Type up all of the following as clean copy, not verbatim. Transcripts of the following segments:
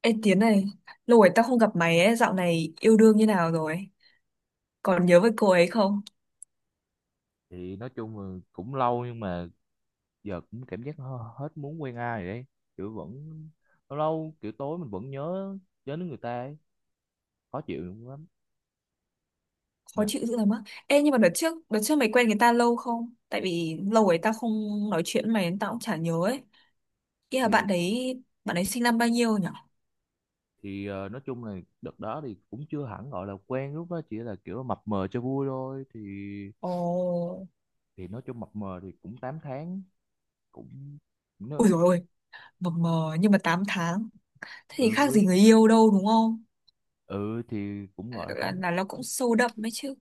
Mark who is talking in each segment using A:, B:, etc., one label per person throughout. A: Ê Tiến này, lâu rồi tao không gặp mày ấy, dạo này yêu đương như nào rồi? Còn nhớ với cô ấy không?
B: Thì nói chung là cũng lâu nhưng mà giờ cũng cảm giác hết muốn quen ai rồi đấy. Kiểu vẫn lâu lâu kiểu tối mình vẫn nhớ nhớ đến người ta ấy. Khó chịu lắm
A: Khó
B: nha.
A: chịu dữ lắm á. Ê nhưng mà đợt trước mày quen người ta lâu không? Tại vì lâu rồi tao không nói chuyện với mày nên tao cũng chả nhớ ấy. Ý là bạn
B: thì
A: đấy, bạn ấy sinh năm bao nhiêu nhỉ?
B: nói chung là đợt đó thì cũng chưa hẳn gọi là quen, lúc đó chỉ là kiểu mập mờ cho vui thôi. thì
A: Ồ.
B: thì nói chung mập mờ thì cũng 8 tháng, cũng
A: Ui
B: nó...
A: dồi ôi, mờ mờ nhưng mà 8 tháng. Thế thì khác
B: ừ,
A: gì người yêu đâu đúng không?
B: ừ thì cũng gọi là
A: Là,
B: 8 tháng.
A: là nó cũng sâu đậm ấy chứ.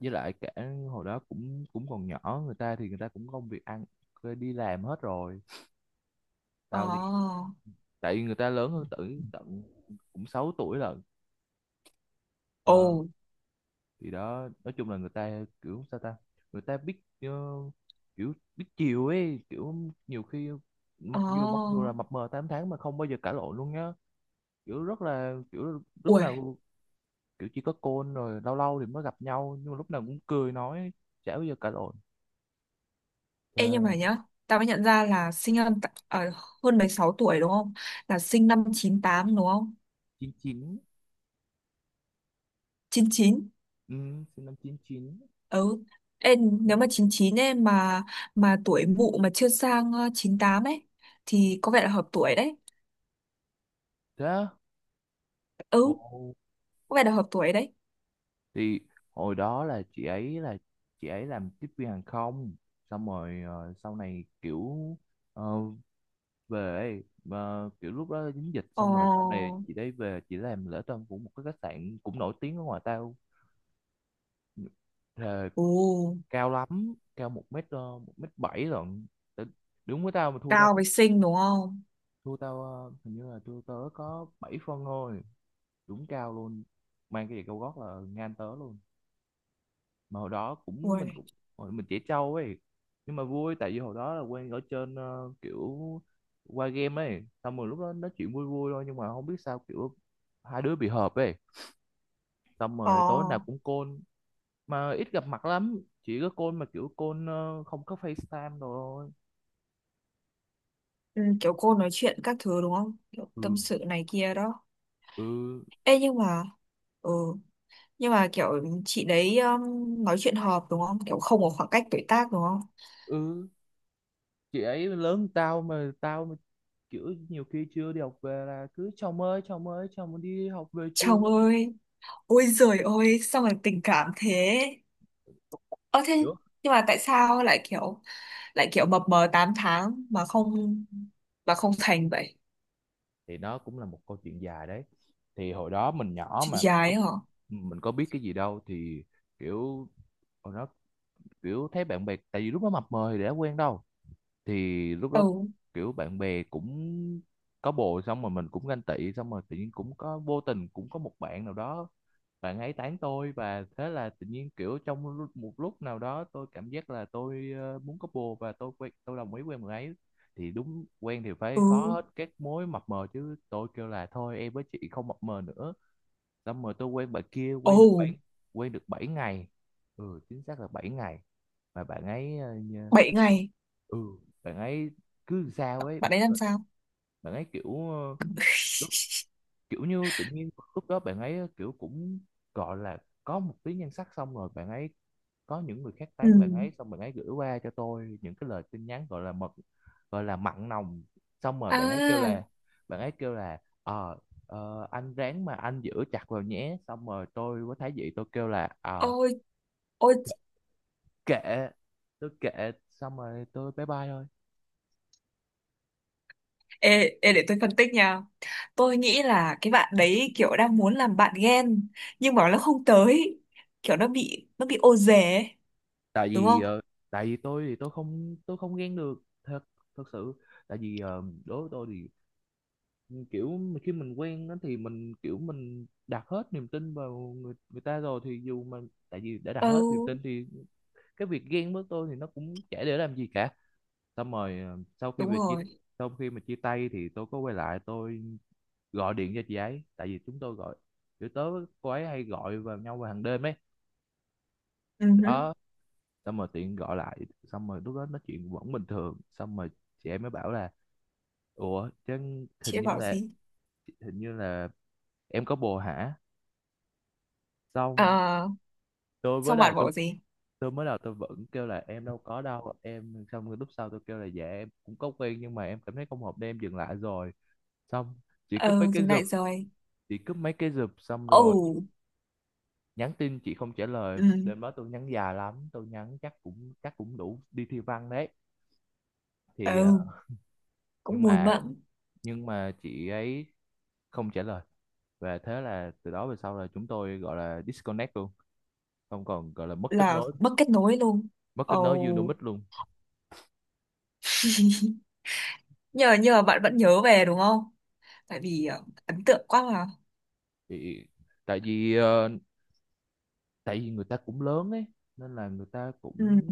B: Với lại cả hồi đó cũng cũng còn nhỏ, người ta thì người ta cũng công việc ăn, đi làm hết rồi. Tao đi,
A: Ồ.
B: tại vì người ta lớn hơn tử tận cũng 6 tuổi lận. Ờ,
A: Ồ.
B: thì đó nói chung là người ta kiểu sao ta, người ta biết kiểu biết chiều ấy, kiểu nhiều khi mặc dù
A: Ồ.
B: là mập mờ 8 tháng mà không bao giờ cãi lộn luôn nhá. Kiểu rất là kiểu lúc
A: Ui.
B: nào, kiểu chỉ có côn rồi lâu lâu thì mới gặp nhau nhưng mà lúc nào cũng cười nói, chả bao giờ cãi lộn. Ờ,
A: Ê nhưng mà nhá, tao mới nhận ra là sinh năm hơn 16 tuổi đúng không? Là sinh năm chín tám đúng không?
B: chín chín.
A: Chín chín.
B: Ừ, sinh năm chín chín.
A: Ừ. Ê, nếu mà chín chín ấy mà tuổi mụ mà chưa sang chín tám ấy thì có vẻ là hợp tuổi đấy.
B: Thế á? Ồ.
A: Ừ, có vẻ là hợp tuổi đấy.
B: Thì hồi đó là chị ấy làm tiếp viên hàng không, xong rồi sau này kiểu ờ, về, kiểu lúc đó dính dịch,
A: Ờ.
B: xong rồi sau này chị ấy về chị làm lễ tân của một cái khách sạn cũng nổi tiếng ở ngoài tao. Thề,
A: Ồ,
B: cao lắm, cao một mét 1m7 lận. Tại- đúng với tao mà
A: cao với xinh đúng không?
B: thua tao hình như là thua tớ có 7 phân thôi, đúng cao luôn. Mang cái giày cao gót là ngang tớ luôn. Mà hồi đó
A: Ui.
B: cũng hồi mình trẻ trâu ấy, nhưng mà vui. Tại vì hồi đó là quen ở trên, kiểu qua game ấy, xong rồi lúc đó nói chuyện vui vui thôi, nhưng mà không biết sao kiểu hai đứa bị hợp ấy, xong
A: Ờ.
B: rồi tối nào cũng call. Mà ít gặp mặt lắm, chỉ có call, mà kiểu call không có FaceTime đồ thôi.
A: Ừ, kiểu cô nói chuyện các thứ đúng không? Kiểu
B: Ừ,
A: tâm sự này kia đó.
B: ừ,
A: Ê nhưng mà ừ, nhưng mà kiểu chị đấy nói chuyện hợp đúng không, kiểu không có khoảng cách tuổi tác đúng không?
B: ừ. Chị ấy lớn hơn tao mà kiểu nhiều khi chưa đi học về là cứ chồng ơi chồng ơi, chồng đi học về chưa.
A: Chồng ơi, ôi giời ơi sao mà tình cảm thế. Ơ thế
B: Hiểu.
A: nhưng mà tại sao lại kiểu, lại kiểu mập mờ 8 tháng mà không, mà không thành vậy?
B: Thì nó cũng là một câu chuyện dài đấy. Thì hồi đó mình nhỏ
A: Chuyện
B: mà
A: gái hả?
B: mình có biết cái gì đâu. Thì kiểu hồi đó kiểu thấy bạn bè, tại vì lúc đó mập mờ thì đã quen đâu. Thì lúc đó
A: Ừ.
B: kiểu bạn bè cũng có bồ, xong rồi mình cũng ganh tị, xong rồi tự nhiên cũng có, vô tình cũng có một bạn nào đó, bạn ấy tán tôi. Và thế là tự nhiên kiểu trong một lúc nào đó tôi cảm giác là tôi muốn có bồ, và tôi quen tôi đồng ý quen bạn ấy. Thì đúng quen thì phải khó
A: Ừ.
B: hết các mối mập mờ chứ, tôi kêu là thôi em với chị không mập mờ nữa. Xong rồi tôi quen bạn kia,
A: Ồ.
B: quen được 7 ngày, ừ, chính xác là 7 ngày. Mà bạn ấy
A: Bảy ngày.
B: ừ, bạn ấy cứ sao ấy.
A: Bạn ấy làm sao?
B: Bạn ấy kiểu kiểu như tự nhiên lúc đó bạn ấy kiểu cũng gọi là có một tí nhan sắc, xong rồi bạn ấy có những người khác
A: Ừ.
B: tán bạn ấy, xong bạn ấy gửi qua cho tôi những cái lời tin nhắn gọi là mật, gọi là mặn nồng. Xong rồi
A: À.
B: bạn ấy kêu là anh ráng mà anh giữ chặt vào nhé. Xong rồi tôi với Thái Dị tôi kêu là ờ,
A: Ôi. Ôi.
B: kệ, tôi kệ, xong rồi tôi bye bye thôi.
A: Ê, ê, để tôi phân tích nha. Tôi nghĩ là cái bạn đấy kiểu đang muốn làm bạn ghen nhưng mà nó không tới. Kiểu nó bị, nó bị ô dề ấy,
B: tại
A: đúng
B: vì
A: không?
B: ờ, tại vì tôi thì tôi không ghen được thật, thật sự. Tại vì đối với tôi thì kiểu khi mình quen á thì mình kiểu mình đặt hết niềm tin vào người người ta rồi, thì dù mà, tại vì đã đặt
A: Ừ,
B: hết niềm tin thì cái việc ghen với tôi thì nó cũng chả để làm gì cả. Xong rồi
A: đúng rồi.
B: sau khi mà chia tay thì tôi có quay lại, tôi gọi điện cho chị ấy. Tại vì chúng tôi gọi, kiểu tớ với cô ấy hay gọi vào nhau vào hàng đêm ấy.
A: Ừ, hứ.
B: Đó, xong rồi tiện gọi lại, xong rồi lúc đó nói chuyện vẫn bình thường, xong rồi chị ấy mới bảo là ủa chứ
A: Chị
B: hình
A: ấy
B: như
A: bảo
B: là,
A: gì?
B: hình như là em có bồ hả. Xong
A: Ờ,
B: tôi mới
A: xong
B: đầu
A: bạn
B: tôi
A: bảo gì?
B: tôi mới đầu tôi vẫn kêu là em đâu có đâu em, xong rồi lúc sau tôi kêu là dạ em cũng có quen nhưng mà em cảm thấy không hợp nên em dừng lại rồi. Xong chị cúp mấy
A: Ừ,
B: cái
A: dừng
B: giùm
A: lại rồi.
B: chị cúp mấy cái giùm, xong rồi
A: Ồ,
B: nhắn tin chị không trả lời.
A: ừ,
B: Đêm đó tôi nhắn dài lắm, tôi nhắn chắc cũng đủ đi thi văn đấy. Thì
A: ừ, cũng
B: nhưng
A: mùi
B: mà
A: mẫn,
B: chị ấy không trả lời. Và thế là từ đó về sau là chúng tôi gọi là disconnect luôn, không còn, gọi là mất kết
A: là
B: nối,
A: mất kết nối luôn.
B: mất kết nối
A: Ồ,
B: Unimix luôn.
A: nhờ nhờ bạn vẫn nhớ về đúng không? Tại vì ấn tượng quá mà.
B: Thì tại vì tại vì người ta cũng lớn ấy nên là người ta
A: Ừ,
B: cũng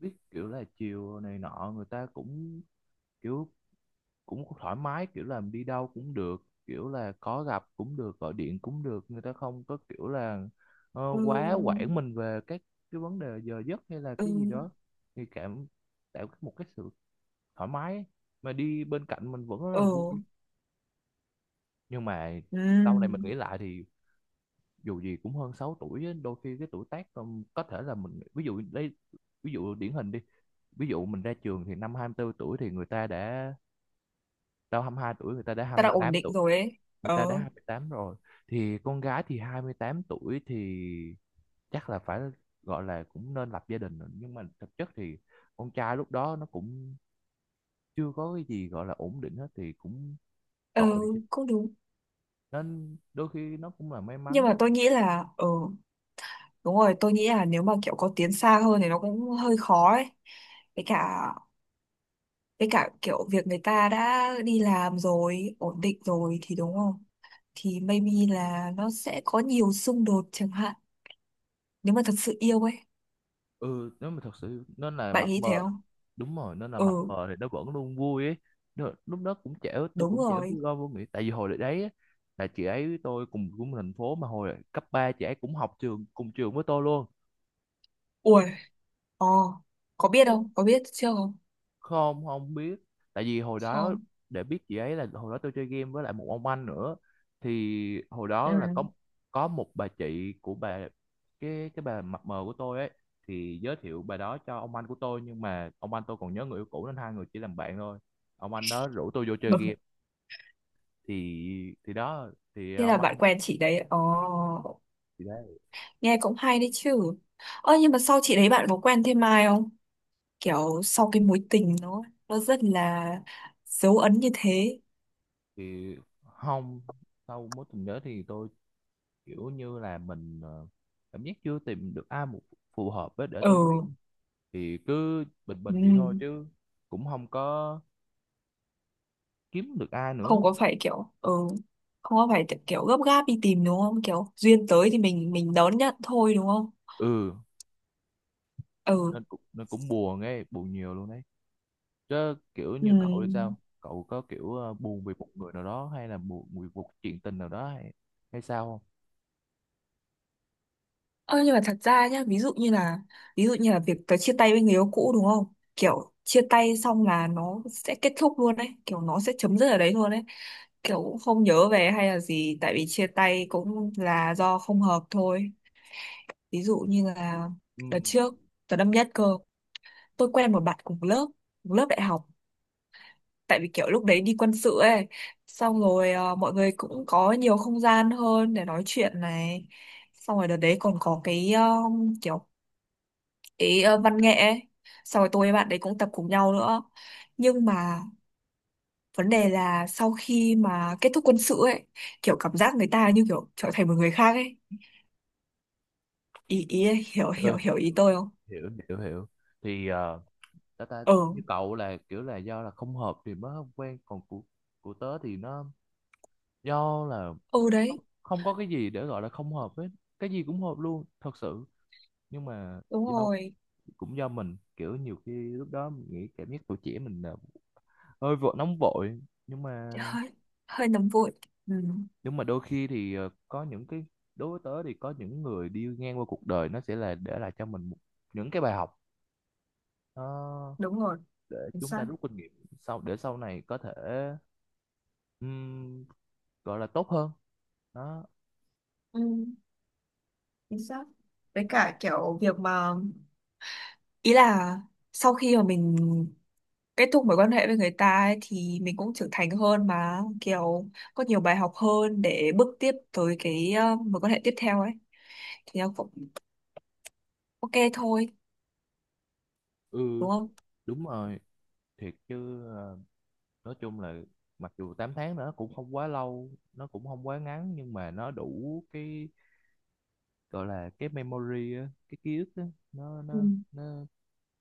B: biết kiểu là chiều này nọ, người ta cũng kiểu cũng thoải mái, kiểu là đi đâu cũng được, kiểu là có gặp cũng được, gọi điện cũng được. Người ta không có kiểu là
A: ừ,
B: quá quản mình về các cái vấn đề giờ giấc hay là
A: ừ,
B: cái gì đó, thì cảm, tạo một cái sự thoải mái ấy. Mà đi bên cạnh mình vẫn rất là vui.
A: ừ.
B: Nhưng mà sau này mình
A: Ừ,
B: nghĩ lại thì dù gì cũng hơn 6 tuổi á, đôi khi cái tuổi tác, có thể là mình ví dụ đây, ví dụ điển hình đi. Ví dụ mình ra trường thì năm 24 tuổi thì người ta đã, tao 22 tuổi người ta đã hai
A: ta đã
B: mươi
A: ổn
B: tám tuổi
A: định rồi ấy.
B: người ta
A: Ờ,
B: đã 28 rồi. Thì con gái thì 28 tuổi thì chắc là phải gọi là cũng nên lập gia đình rồi, nhưng mà thực chất thì con trai lúc đó nó cũng chưa có cái gì gọi là ổn định hết thì cũng
A: ờ,
B: tội chứ.
A: cũng đúng.
B: Nên đôi khi nó cũng là may
A: Nhưng
B: mắn.
A: mà tôi nghĩ là, đúng rồi, tôi nghĩ là nếu mà kiểu có tiến xa hơn thì nó cũng hơi khó ấy. Với cả, với cả kiểu việc người ta đã đi làm rồi, ổn định rồi thì đúng không? Thì maybe là nó sẽ có nhiều xung đột chẳng hạn. Nếu mà thật sự yêu ấy,
B: Ừ, nếu mà thật sự nó là
A: bạn
B: mập
A: nghĩ thế
B: mờ.
A: không?
B: Đúng rồi, nó là mập
A: Ừ,
B: mờ thì nó vẫn luôn vui ấy. Nó, lúc đó cũng trẻ, tôi
A: đúng
B: cũng trẻ,
A: rồi.
B: vui lo vô nghĩ. Tại vì hồi đấy á, là chị ấy với tôi cùng cùng thành phố, mà hồi cấp 3 chị ấy cũng học trường cùng trường với tôi luôn.
A: Ui, ờ, có biết không? Có biết chưa không?
B: Không, không biết. Tại vì hồi đó
A: Không.
B: để biết chị ấy là hồi đó tôi chơi game với lại một ông anh nữa. Thì hồi
A: Ừ.
B: đó là có một bà chị của bà, cái bà mập mờ của tôi ấy, thì giới thiệu bà đó cho ông anh của tôi, nhưng mà ông anh tôi còn nhớ người yêu cũ nên hai người chỉ làm bạn thôi. Ông anh đó rủ tôi vô chơi
A: Ừ.
B: game. Thì đó thì
A: Thế là
B: ông
A: bạn
B: anh,
A: quen chị đấy. Ồ.
B: thì đấy.
A: Nghe cũng hay đấy chứ. Ơ nhưng mà sau chị đấy bạn có quen thêm ai không, kiểu sau cái mối tình nó rất là dấu ấn như thế.
B: Thì không, sau mối tình đó thì tôi kiểu như là mình cảm giác chưa tìm được ai phù hợp với để
A: Ừ,
B: tôi, thì cứ bình bình vậy thôi
A: ừm,
B: chứ cũng không có kiếm được ai nữa.
A: không có phải kiểu ừ, không có phải kiểu gấp gáp đi tìm đúng không, kiểu duyên tới thì mình đón nhận thôi đúng không?
B: Ừ,
A: Ừ.
B: nên cũng buồn ấy, buồn nhiều luôn đấy. Chứ kiểu như cậu thì
A: Ừm.
B: sao, cậu có kiểu buồn vì một người nào đó hay là buồn vì một chuyện tình nào đó hay, hay sao không?
A: Ơ nhưng mà thật ra nhá, ví dụ như là, ví dụ như là việc tớ chia tay với người yêu cũ đúng không, kiểu chia tay xong là nó sẽ kết thúc luôn đấy, kiểu nó sẽ chấm dứt ở đấy luôn đấy, kiểu cũng không nhớ về hay là gì tại vì chia tay cũng là do không hợp thôi. Ví dụ như là
B: Ừ.
A: đợt trước, đợt năm nhất cơ, tôi quen một bạn cùng lớp, cùng lớp đại học, tại vì kiểu lúc đấy đi quân sự ấy, xong rồi mọi người cũng có nhiều không gian hơn để nói chuyện này, xong rồi đợt đấy còn có cái kiểu văn nghệ ấy, xong rồi tôi với bạn đấy cũng tập cùng nhau nữa. Nhưng mà vấn đề là sau khi mà kết thúc quân sự ấy, kiểu cảm giác người ta như kiểu trở thành một người khác ấy. Ý ý, hiểu
B: Ừ,
A: hiểu hiểu ý tôi không?
B: hiểu hiểu hiểu hiểu. Thì ta ta
A: Ừ.
B: như cậu là kiểu là do là không hợp thì mới không quen, còn của tớ thì nó do là
A: Ừ
B: không,
A: đấy.
B: không có cái gì để gọi là không hợp hết, cái gì cũng hợp luôn thật sự, nhưng mà
A: Đúng
B: do
A: rồi.
B: cũng do mình kiểu nhiều khi lúc đó mình nghĩ cảm giác tuổi trẻ mình là hơi vội nóng vội. Nhưng mà
A: Hơi, hơi nóng vội. Ừ,
B: đôi khi thì có những cái, đối với tớ thì có những người đi ngang qua cuộc đời nó sẽ là để lại cho mình một, những cái bài học, nó
A: đúng rồi.
B: để
A: Chính
B: chúng
A: xác.
B: ta rút kinh nghiệm sau, để sau này có thể ừm, gọi là tốt hơn. Đó.
A: Ừ, chính xác. Với cả kiểu việc mà, ý là sau khi mà mình kết thúc mối quan hệ với người ta ấy, thì mình cũng trưởng thành hơn mà kiểu có nhiều bài học hơn để bước tiếp tới cái mối quan hệ tiếp theo ấy thì nó cũng ok thôi
B: Ừ,
A: đúng không?
B: đúng rồi. Thiệt chứ nói chung là mặc dù 8 tháng nữa cũng không quá lâu, nó cũng không quá ngắn, nhưng mà nó đủ cái gọi là cái memory á, cái ký ức á, nó
A: Ừ,
B: nó nó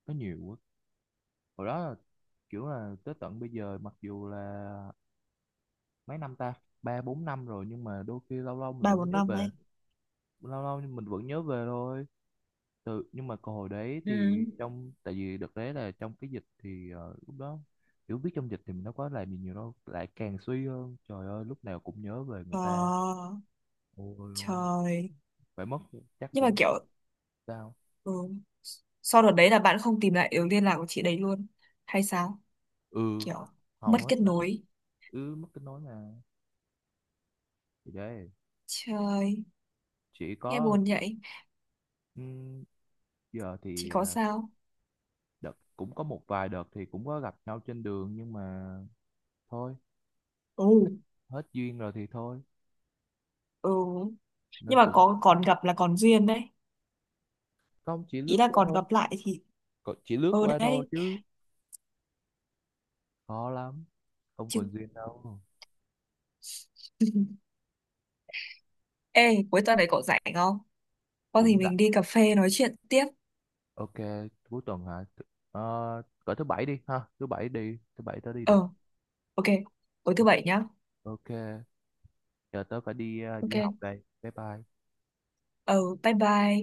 B: nó nhiều quá. Hồi đó là, kiểu là tới tận bây giờ mặc dù là mấy năm ta, 3-4 năm rồi, nhưng mà đôi khi lâu lâu mình
A: ba
B: vẫn
A: bốn
B: nhớ
A: năm
B: về
A: ấy.
B: lâu lâu mình vẫn nhớ về thôi. Từ, nhưng mà còn hồi đấy
A: Ừ.
B: thì trong, tại vì đợt đấy là trong cái dịch thì lúc đó kiểu biết trong dịch thì mình đâu có làm gì nhiều đâu, lại càng suy hơn, trời ơi lúc nào cũng nhớ về người ta.
A: Ờ,
B: Ôi ôi.
A: trời.
B: Phải mất chắc
A: Nhưng mà
B: cũng,
A: kiểu,
B: sao?
A: ừ, sau đợt đấy là bạn không tìm lại được liên lạc của chị đấy luôn hay sao,
B: Ừ,
A: kiểu mất
B: hầu hết
A: kết
B: là,
A: nối?
B: ừ, mất kết nối mà. Thì đấy,
A: Trời,
B: chỉ
A: nghe
B: có
A: buồn vậy.
B: ừm, giờ
A: Chị
B: thì
A: có sao?
B: đợt cũng có một vài đợt thì cũng có gặp nhau trên đường nhưng mà thôi,
A: Ừ.
B: hết, hết duyên rồi thì thôi,
A: Ừ.
B: nên
A: Nhưng mà
B: cũng
A: có còn gặp là còn duyên đấy,
B: không, chỉ
A: ý
B: lướt
A: là
B: qua
A: còn
B: thôi.
A: gặp lại thì.
B: Còn chỉ lướt
A: Ừ
B: qua thôi
A: đấy.
B: chứ khó lắm, không
A: Chứ.
B: còn duyên đâu.
A: Ê, cuối tuần này cậu rảnh không? Có thì
B: Cũng rảnh.
A: mình đi cà phê nói chuyện tiếp.
B: Ok. Cuối tuần hả? Ờ, cỡ thứ bảy đi ha, thứ bảy tớ đi được.
A: Ờ, ok, tối thứ bảy nhá.
B: Ok. Giờ tớ phải đi đi học
A: Ok.
B: đây, bye bye.
A: Ờ, bye bye.